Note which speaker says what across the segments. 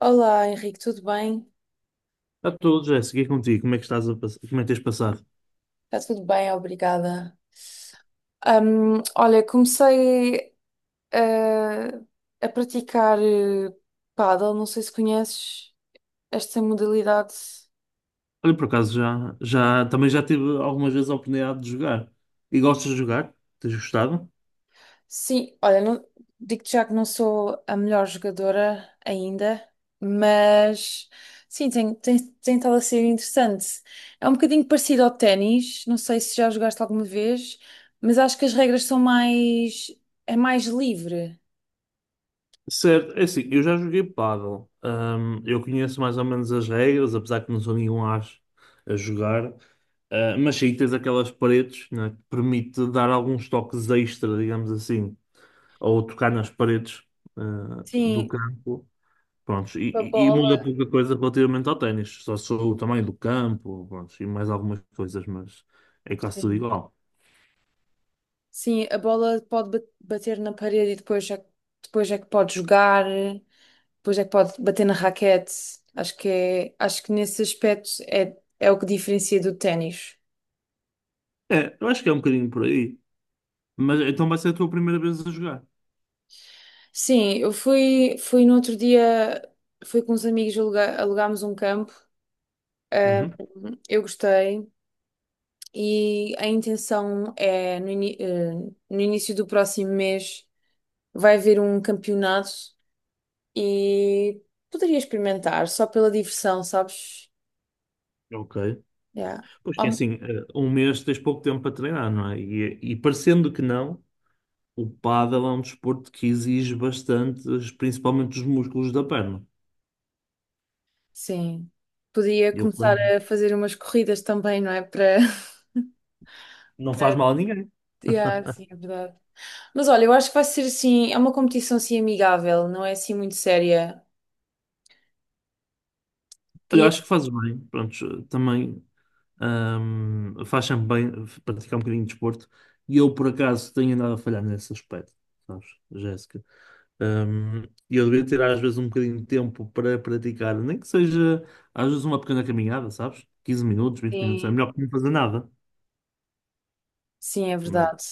Speaker 1: Olá, Henrique, tudo bem?
Speaker 2: A todos, Jéssica, e contigo, como é que estás como é que tens passado?
Speaker 1: Está tudo bem, obrigada. Olha, comecei eh, a praticar pádel, não sei se conheces esta modalidade.
Speaker 2: Olha, por acaso já, também já tive algumas vezes a oportunidade de jogar. E gostas de jogar? Tens gostado?
Speaker 1: Sim, olha, digo-te já que não sou a melhor jogadora ainda, mas sim, tem estado a ser interessante. É um bocadinho parecido ao ténis, não sei se já jogaste alguma vez, mas acho que as regras são mais, é mais livre.
Speaker 2: Certo, é assim, eu já joguei pádel. Eu conheço mais ou menos as regras, apesar que não sou nenhum as a jogar. Ah, mas sim, tens aquelas paredes, né, que permite dar alguns toques extra, digamos assim, ou tocar nas paredes, ah, do
Speaker 1: Sim,
Speaker 2: campo. Prontos, e,
Speaker 1: tipo a
Speaker 2: e- e muda
Speaker 1: bola.
Speaker 2: pouca coisa relativamente ao ténis, só sou o tamanho do campo, prontos, e mais algumas coisas, mas é quase tudo
Speaker 1: Sim.
Speaker 2: igual.
Speaker 1: Sim, a bola pode bater na parede e depois é que pode jogar, depois é que pode bater na raquete. Acho que nesse aspecto é o que diferencia do ténis.
Speaker 2: É, eu acho que é um bocadinho por aí, mas então vai ser a tua primeira vez a jogar.
Speaker 1: Sim, eu fui no outro dia, fui com uns amigos, alugámos um campo.
Speaker 2: Uhum.
Speaker 1: Eu gostei e a intenção é no início do próximo mês vai haver um campeonato e poderia experimentar só pela diversão, sabes?
Speaker 2: Ok.
Speaker 1: Yeah.
Speaker 2: Pois que é
Speaker 1: Hom-
Speaker 2: assim, um mês tens pouco tempo para treinar, não é? E parecendo que não, o pádel é um desporto que exige bastante, principalmente os músculos da perna.
Speaker 1: Sim. Podia
Speaker 2: E eu,
Speaker 1: começar a fazer umas corridas também, não é? Para,
Speaker 2: não faz
Speaker 1: para.
Speaker 2: mal a ninguém.
Speaker 1: Yeah, sim, é verdade. Mas olha, eu acho que vai ser assim, é uma competição assim amigável, não é assim muito séria.
Speaker 2: Olha,
Speaker 1: Queria
Speaker 2: acho que faz bem, pronto também. Faz sempre bem praticar um bocadinho de desporto. E eu, por acaso, tenho andado a falhar nesse aspecto, sabes, Jéssica? Ahm, E eu devia ter, às vezes, um bocadinho de tempo para praticar, nem que seja, às vezes, uma pequena caminhada, sabes? Quinze minutos, vinte minutos, é
Speaker 1: Assim,
Speaker 2: melhor que não fazer nada.
Speaker 1: sim, é
Speaker 2: Mas,
Speaker 1: verdade.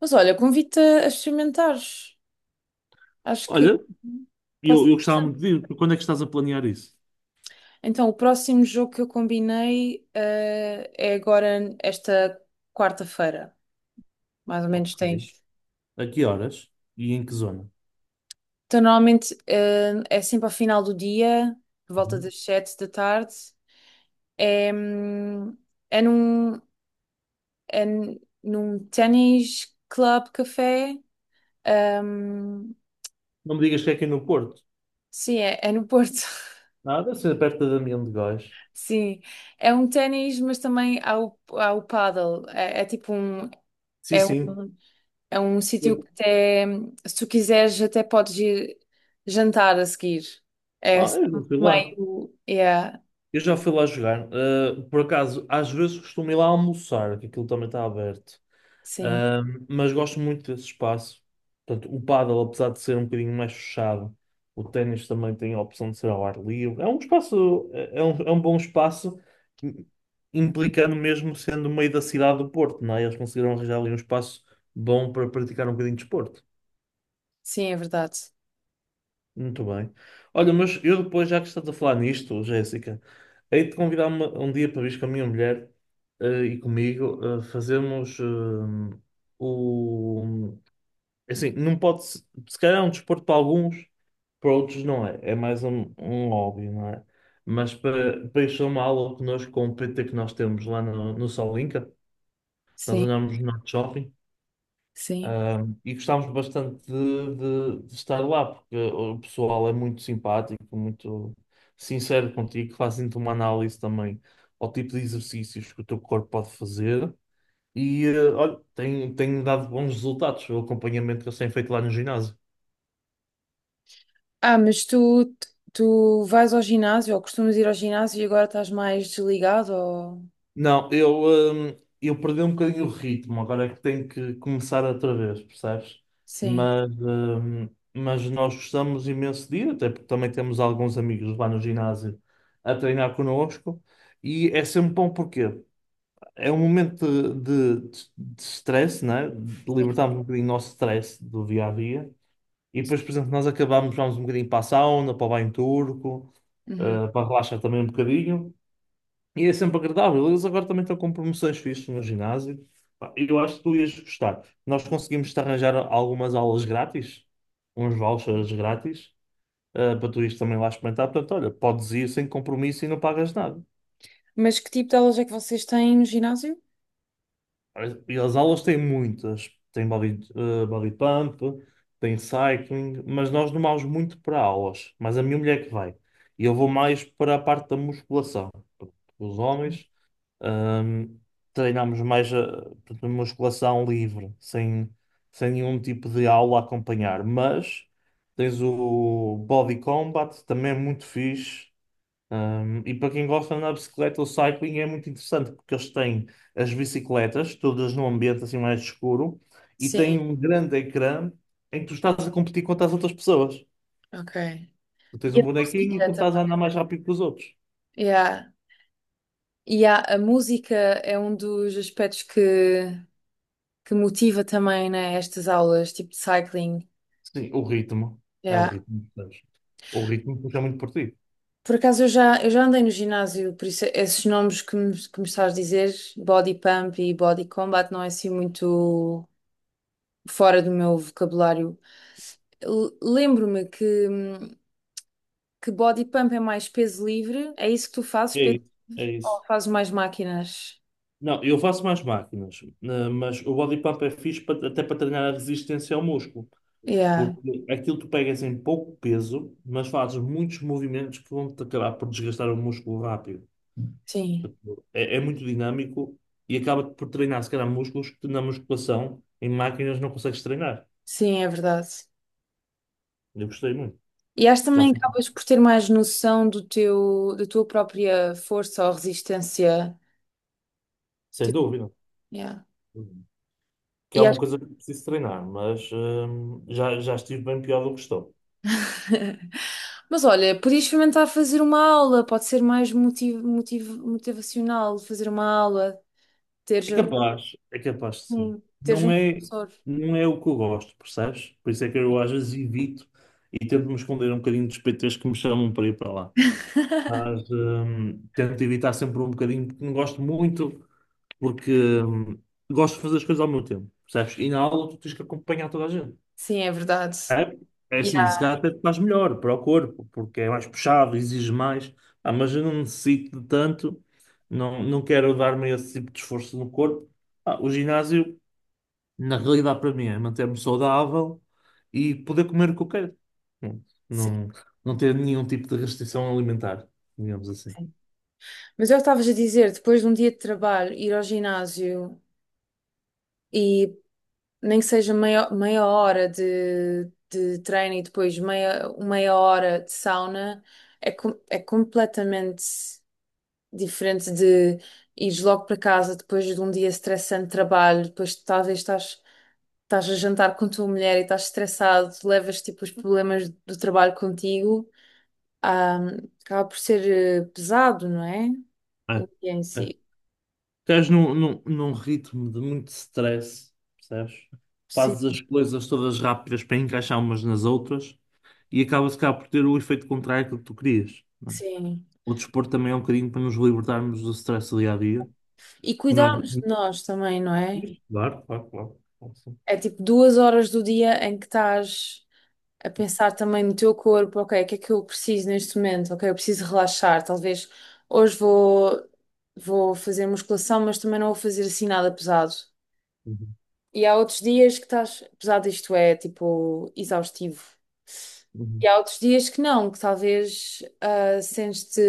Speaker 1: Mas olha, convido-te a experimentares. Acho que
Speaker 2: olha,
Speaker 1: pode ser
Speaker 2: eu gostava muito
Speaker 1: interessante.
Speaker 2: de vir. Quando é que estás a planear isso?
Speaker 1: Então, o próximo jogo que eu combinei, é agora esta quarta-feira. Mais ou
Speaker 2: Ok.
Speaker 1: menos tens.
Speaker 2: A que horas e em que zona?
Speaker 1: Então, normalmente, é sempre ao final do dia, por volta
Speaker 2: Uhum.
Speaker 1: das 7 da tarde. É, hum, é num, num ténis club café. Hum,
Speaker 2: Não me digas que é aqui no Porto.
Speaker 1: sim, é no Porto.
Speaker 2: Ah, deve ser perto da Damião de Góis.
Speaker 1: Sim, é um ténis, mas também há o paddle.
Speaker 2: Sim,
Speaker 1: É
Speaker 2: sim.
Speaker 1: um, é um sítio
Speaker 2: Eu-
Speaker 1: que até, se tu quiseres, até podes ir jantar a seguir. É
Speaker 2: Ah,
Speaker 1: assim,
Speaker 2: eu não fui lá.
Speaker 1: meio, yeah,
Speaker 2: Eu já fui lá jogar. Por acaso, às vezes costumo ir lá almoçar, que aquilo também está aberto.
Speaker 1: sim.
Speaker 2: Mas gosto muito desse espaço. Portanto, o pádel, apesar de ser um bocadinho mais fechado, o ténis também tem a opção de ser ao ar livre. É um espaço, é um bom espaço, im- implicando mesmo sendo no meio da cidade do Porto, não é? Eles conseguiram arranjar ali um espaço bom para praticar um bocadinho de desporto.
Speaker 1: Sim, é verdade.
Speaker 2: Muito bem. Olha, mas eu depois, já que estás a falar nisto, Jéssica, hei de convidar uma, um dia para vir com a minha mulher e comigo fazermos o. Assim, não pode. Se calhar é um desporto para alguns, para outros não é. É mais um, um hobby, não é? Mas para, para isso, é uma aula connosco com o PT que nós temos lá no Solinca, nós
Speaker 1: Sim,
Speaker 2: andamos no Norte Shopping.
Speaker 1: sim.
Speaker 2: Um, e gostámos bastante de, de estar lá, porque o pessoal é muito simpático, muito sincero contigo, fazem-te uma análise também ao tipo de exercícios que o teu corpo pode fazer. E olha, tem, tem dado bons resultados o acompanhamento que eles têm feito lá no ginásio.
Speaker 1: Ah, mas tu vais ao ginásio ou costumas ir ao ginásio e agora estás mais desligado ou...
Speaker 2: Não, eu perdi um bocadinho o ritmo, agora é que tenho que começar outra vez, percebes?
Speaker 1: Sim,
Speaker 2: Mas, hum, mas nós gostamos imenso de ir, até porque também temos alguns amigos lá no ginásio a treinar connosco, e é sempre bom porque é um momento de stress, né? De
Speaker 1: sim.
Speaker 2: libertarmos um bocadinho o nosso stress do dia a dia, e depois, por exemplo, nós acabamos, vamos um bocadinho para a sauna, para o banho turco,
Speaker 1: Uhum.
Speaker 2: para relaxar também um bocadinho. E é sempre agradável. Eles agora também estão com promoções fixas no ginásio. Pá, eu acho que tu ias gostar. Nós conseguimos-te arranjar algumas aulas grátis, uns vouchers grátis, para tu ires também lá experimentar. Portanto, olha, podes ir sem compromisso e não pagas nada.
Speaker 1: Mas que tipo de aulas é que vocês têm no ginásio?
Speaker 2: E as aulas têm muitas. Tem body, body pump, tem cycling, mas nós não vamos muito para aulas. Mas a minha mulher que vai. E eu vou mais para a parte da musculação. Os homens Ahm, treinamos mais a, portanto, musculação livre, sem nenhum tipo de aula a acompanhar. Mas tens o body combat, também é muito fixe. E para quem gosta de andar de bicicleta, o cycling é muito interessante, porque eles têm as bicicletas, todas num ambiente assim mais escuro, e
Speaker 1: Sim,
Speaker 2: têm um grande ecrã em que tu estás a competir contra as outras pessoas.
Speaker 1: ok.
Speaker 2: Tu tens
Speaker 1: E
Speaker 2: um
Speaker 1: a
Speaker 2: bonequinho e
Speaker 1: música
Speaker 2: tu estás a
Speaker 1: também.
Speaker 2: andar mais rápido que os outros.
Speaker 1: Yeah. E a música é um dos aspectos que motiva também, né, estas aulas, tipo de cycling.
Speaker 2: Sim, o ritmo. É o
Speaker 1: Yeah.
Speaker 2: ritmo. Sabes? O ritmo puxa muito por ti.
Speaker 1: Por acaso eu já andei no ginásio, por isso esses nomes que me estás a dizer, body pump e body combat, não é assim muito fora do meu vocabulário. Lembro-me que body pump é mais peso livre, é isso que tu fazes,
Speaker 2: É
Speaker 1: peso,
Speaker 2: isso, é isso.
Speaker 1: ou fazes mais máquinas?
Speaker 2: Não, eu faço mais máquinas, né, mas o body pump é fixe até para treinar a resistência ao músculo,
Speaker 1: Yeah,
Speaker 2: porque aquilo tu pegas em pouco peso, mas fazes muitos movimentos que vão-te acabar por desgastar o músculo rápido.
Speaker 1: sim,
Speaker 2: Tipo, é, é muito dinâmico e acaba por treinar, se calhar, músculos que na musculação, em máquinas, não consegues treinar.
Speaker 1: sim, é verdade.
Speaker 2: Eu gostei muito,
Speaker 1: E acho
Speaker 2: já
Speaker 1: também que
Speaker 2: fico,
Speaker 1: acabas por ter mais noção do teu, da tua própria força ou resistência.
Speaker 2: sem
Speaker 1: Tipo,
Speaker 2: dúvida.
Speaker 1: yeah.
Speaker 2: Que
Speaker 1: E
Speaker 2: é uma
Speaker 1: acho.
Speaker 2: coisa que preciso treinar, mas já estive bem pior do que estou.
Speaker 1: Mas olha, podias experimentar fazer uma aula, pode ser mais motivacional fazer uma aula, teres,
Speaker 2: É capaz de sim.
Speaker 1: teres
Speaker 2: Não
Speaker 1: um
Speaker 2: é,
Speaker 1: professor.
Speaker 2: não é o que eu gosto, percebes? Por isso é que eu às vezes evito e tento me esconder um bocadinho dos PTs que me chamam para ir para lá. Mas tento evitar sempre um bocadinho, porque não gosto muito, porque hum, gosto de fazer as coisas ao meu tempo, percebes? E na aula tu tens que acompanhar toda a gente.
Speaker 1: Sim, é verdade.
Speaker 2: É, é assim, se
Speaker 1: Yeah,
Speaker 2: calhar até te faz melhor para o corpo, porque é mais puxado, exige mais, ah, mas eu não necessito de tanto, não, não quero dar-me esse tipo de esforço no corpo. Ah, o ginásio. Na realidade, para mim, é manter-me saudável e poder comer o que eu quero. Pronto.
Speaker 1: sim,
Speaker 2: Não, não ter nenhum tipo de restrição alimentar, digamos assim.
Speaker 1: sim. Mas eu estavas a dizer, depois de um dia de trabalho, ir ao ginásio e nem que seja meia hora de treino e depois meia hora de sauna, é completamente diferente de ires logo para casa depois de um dia estressante de trabalho, depois talvez estás a jantar com a tua mulher e estás estressado, levas tipo os problemas do trabalho contigo, ah, acaba por ser pesado, não é? O
Speaker 2: É,
Speaker 1: dia em
Speaker 2: é.
Speaker 1: si.
Speaker 2: Estás num ritmo de muito stress, percebes? Fazes
Speaker 1: Sim,
Speaker 2: as coisas todas rápidas para encaixar umas nas outras e acabas cá por ter o efeito contrário que tu querias. Não é?
Speaker 1: sim.
Speaker 2: O desporto também é um bocadinho para nos libertarmos do stress do dia a dia.
Speaker 1: E
Speaker 2: Nós...
Speaker 1: cuidarmos de nós também, não é?
Speaker 2: Claro, claro, claro. Claro que sim.
Speaker 1: É tipo 2 horas do dia em que estás a pensar também no teu corpo, ok, o que é que eu preciso neste momento? Ok, eu preciso relaxar, talvez hoje vou fazer musculação, mas também não vou fazer assim nada pesado.
Speaker 2: Uhum,
Speaker 1: E há outros dias que estás, apesar disto é tipo exaustivo.
Speaker 2: uhum.
Speaker 1: E há outros dias que não, que talvez sentes-te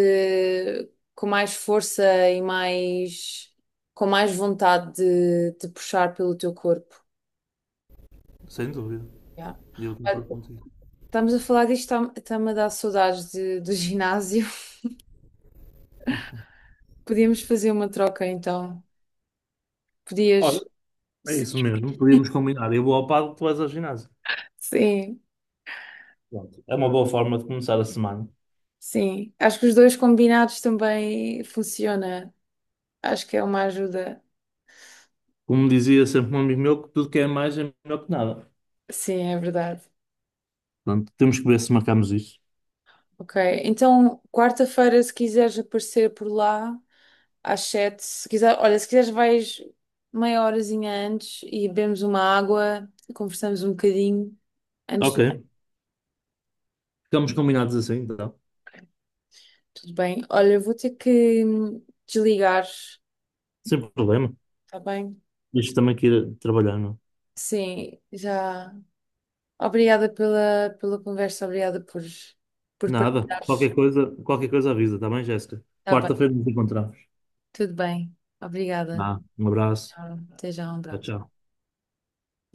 Speaker 1: com mais força e mais com mais vontade de te puxar pelo teu corpo.
Speaker 2: Sem dúvida.
Speaker 1: Yeah.
Speaker 2: Eu
Speaker 1: Ah,
Speaker 2: concordo contigo.
Speaker 1: estamos a falar disto, está-me a dar saudades do ginásio. Podíamos fazer uma troca então.
Speaker 2: Olha,
Speaker 1: Podias.
Speaker 2: é
Speaker 1: Sim,
Speaker 2: isso mesmo, podíamos combinar. Eu vou ao pago, tu vais ao ginásio.
Speaker 1: sim,
Speaker 2: Pronto. É uma boa forma de começar a semana.
Speaker 1: sim. Acho que os dois combinados também funciona. Acho que é uma ajuda.
Speaker 2: Como dizia sempre um amigo meu, que tudo que é mais é melhor que nada.
Speaker 1: Sim, é verdade.
Speaker 2: Portanto, temos que ver se marcamos isso.
Speaker 1: Ok. Então, quarta-feira, se quiseres aparecer por lá, às 7, se quiser, olha, se quiseres vais meia horazinha antes e bebemos uma água, conversamos um bocadinho antes
Speaker 2: Ok,
Speaker 1: do...
Speaker 2: ficamos combinados assim, então.
Speaker 1: Tudo bem. Olha, eu vou ter que desligar,
Speaker 2: Sem problema.
Speaker 1: está bem?
Speaker 2: Isto também que ir trabalhar, não?
Speaker 1: Sim, já. Obrigada pela conversa, obrigada por,
Speaker 2: É?
Speaker 1: por
Speaker 2: Nada.
Speaker 1: partilhares.
Speaker 2: Qualquer coisa avisa, tá bem, Jéssica?
Speaker 1: Está bem,
Speaker 2: Quarta-feira nos encontramos.
Speaker 1: tudo bem. Obrigada.
Speaker 2: Ah, um abraço.
Speaker 1: Tchau. Até já, um
Speaker 2: Tchau,
Speaker 1: abraço.
Speaker 2: tchau.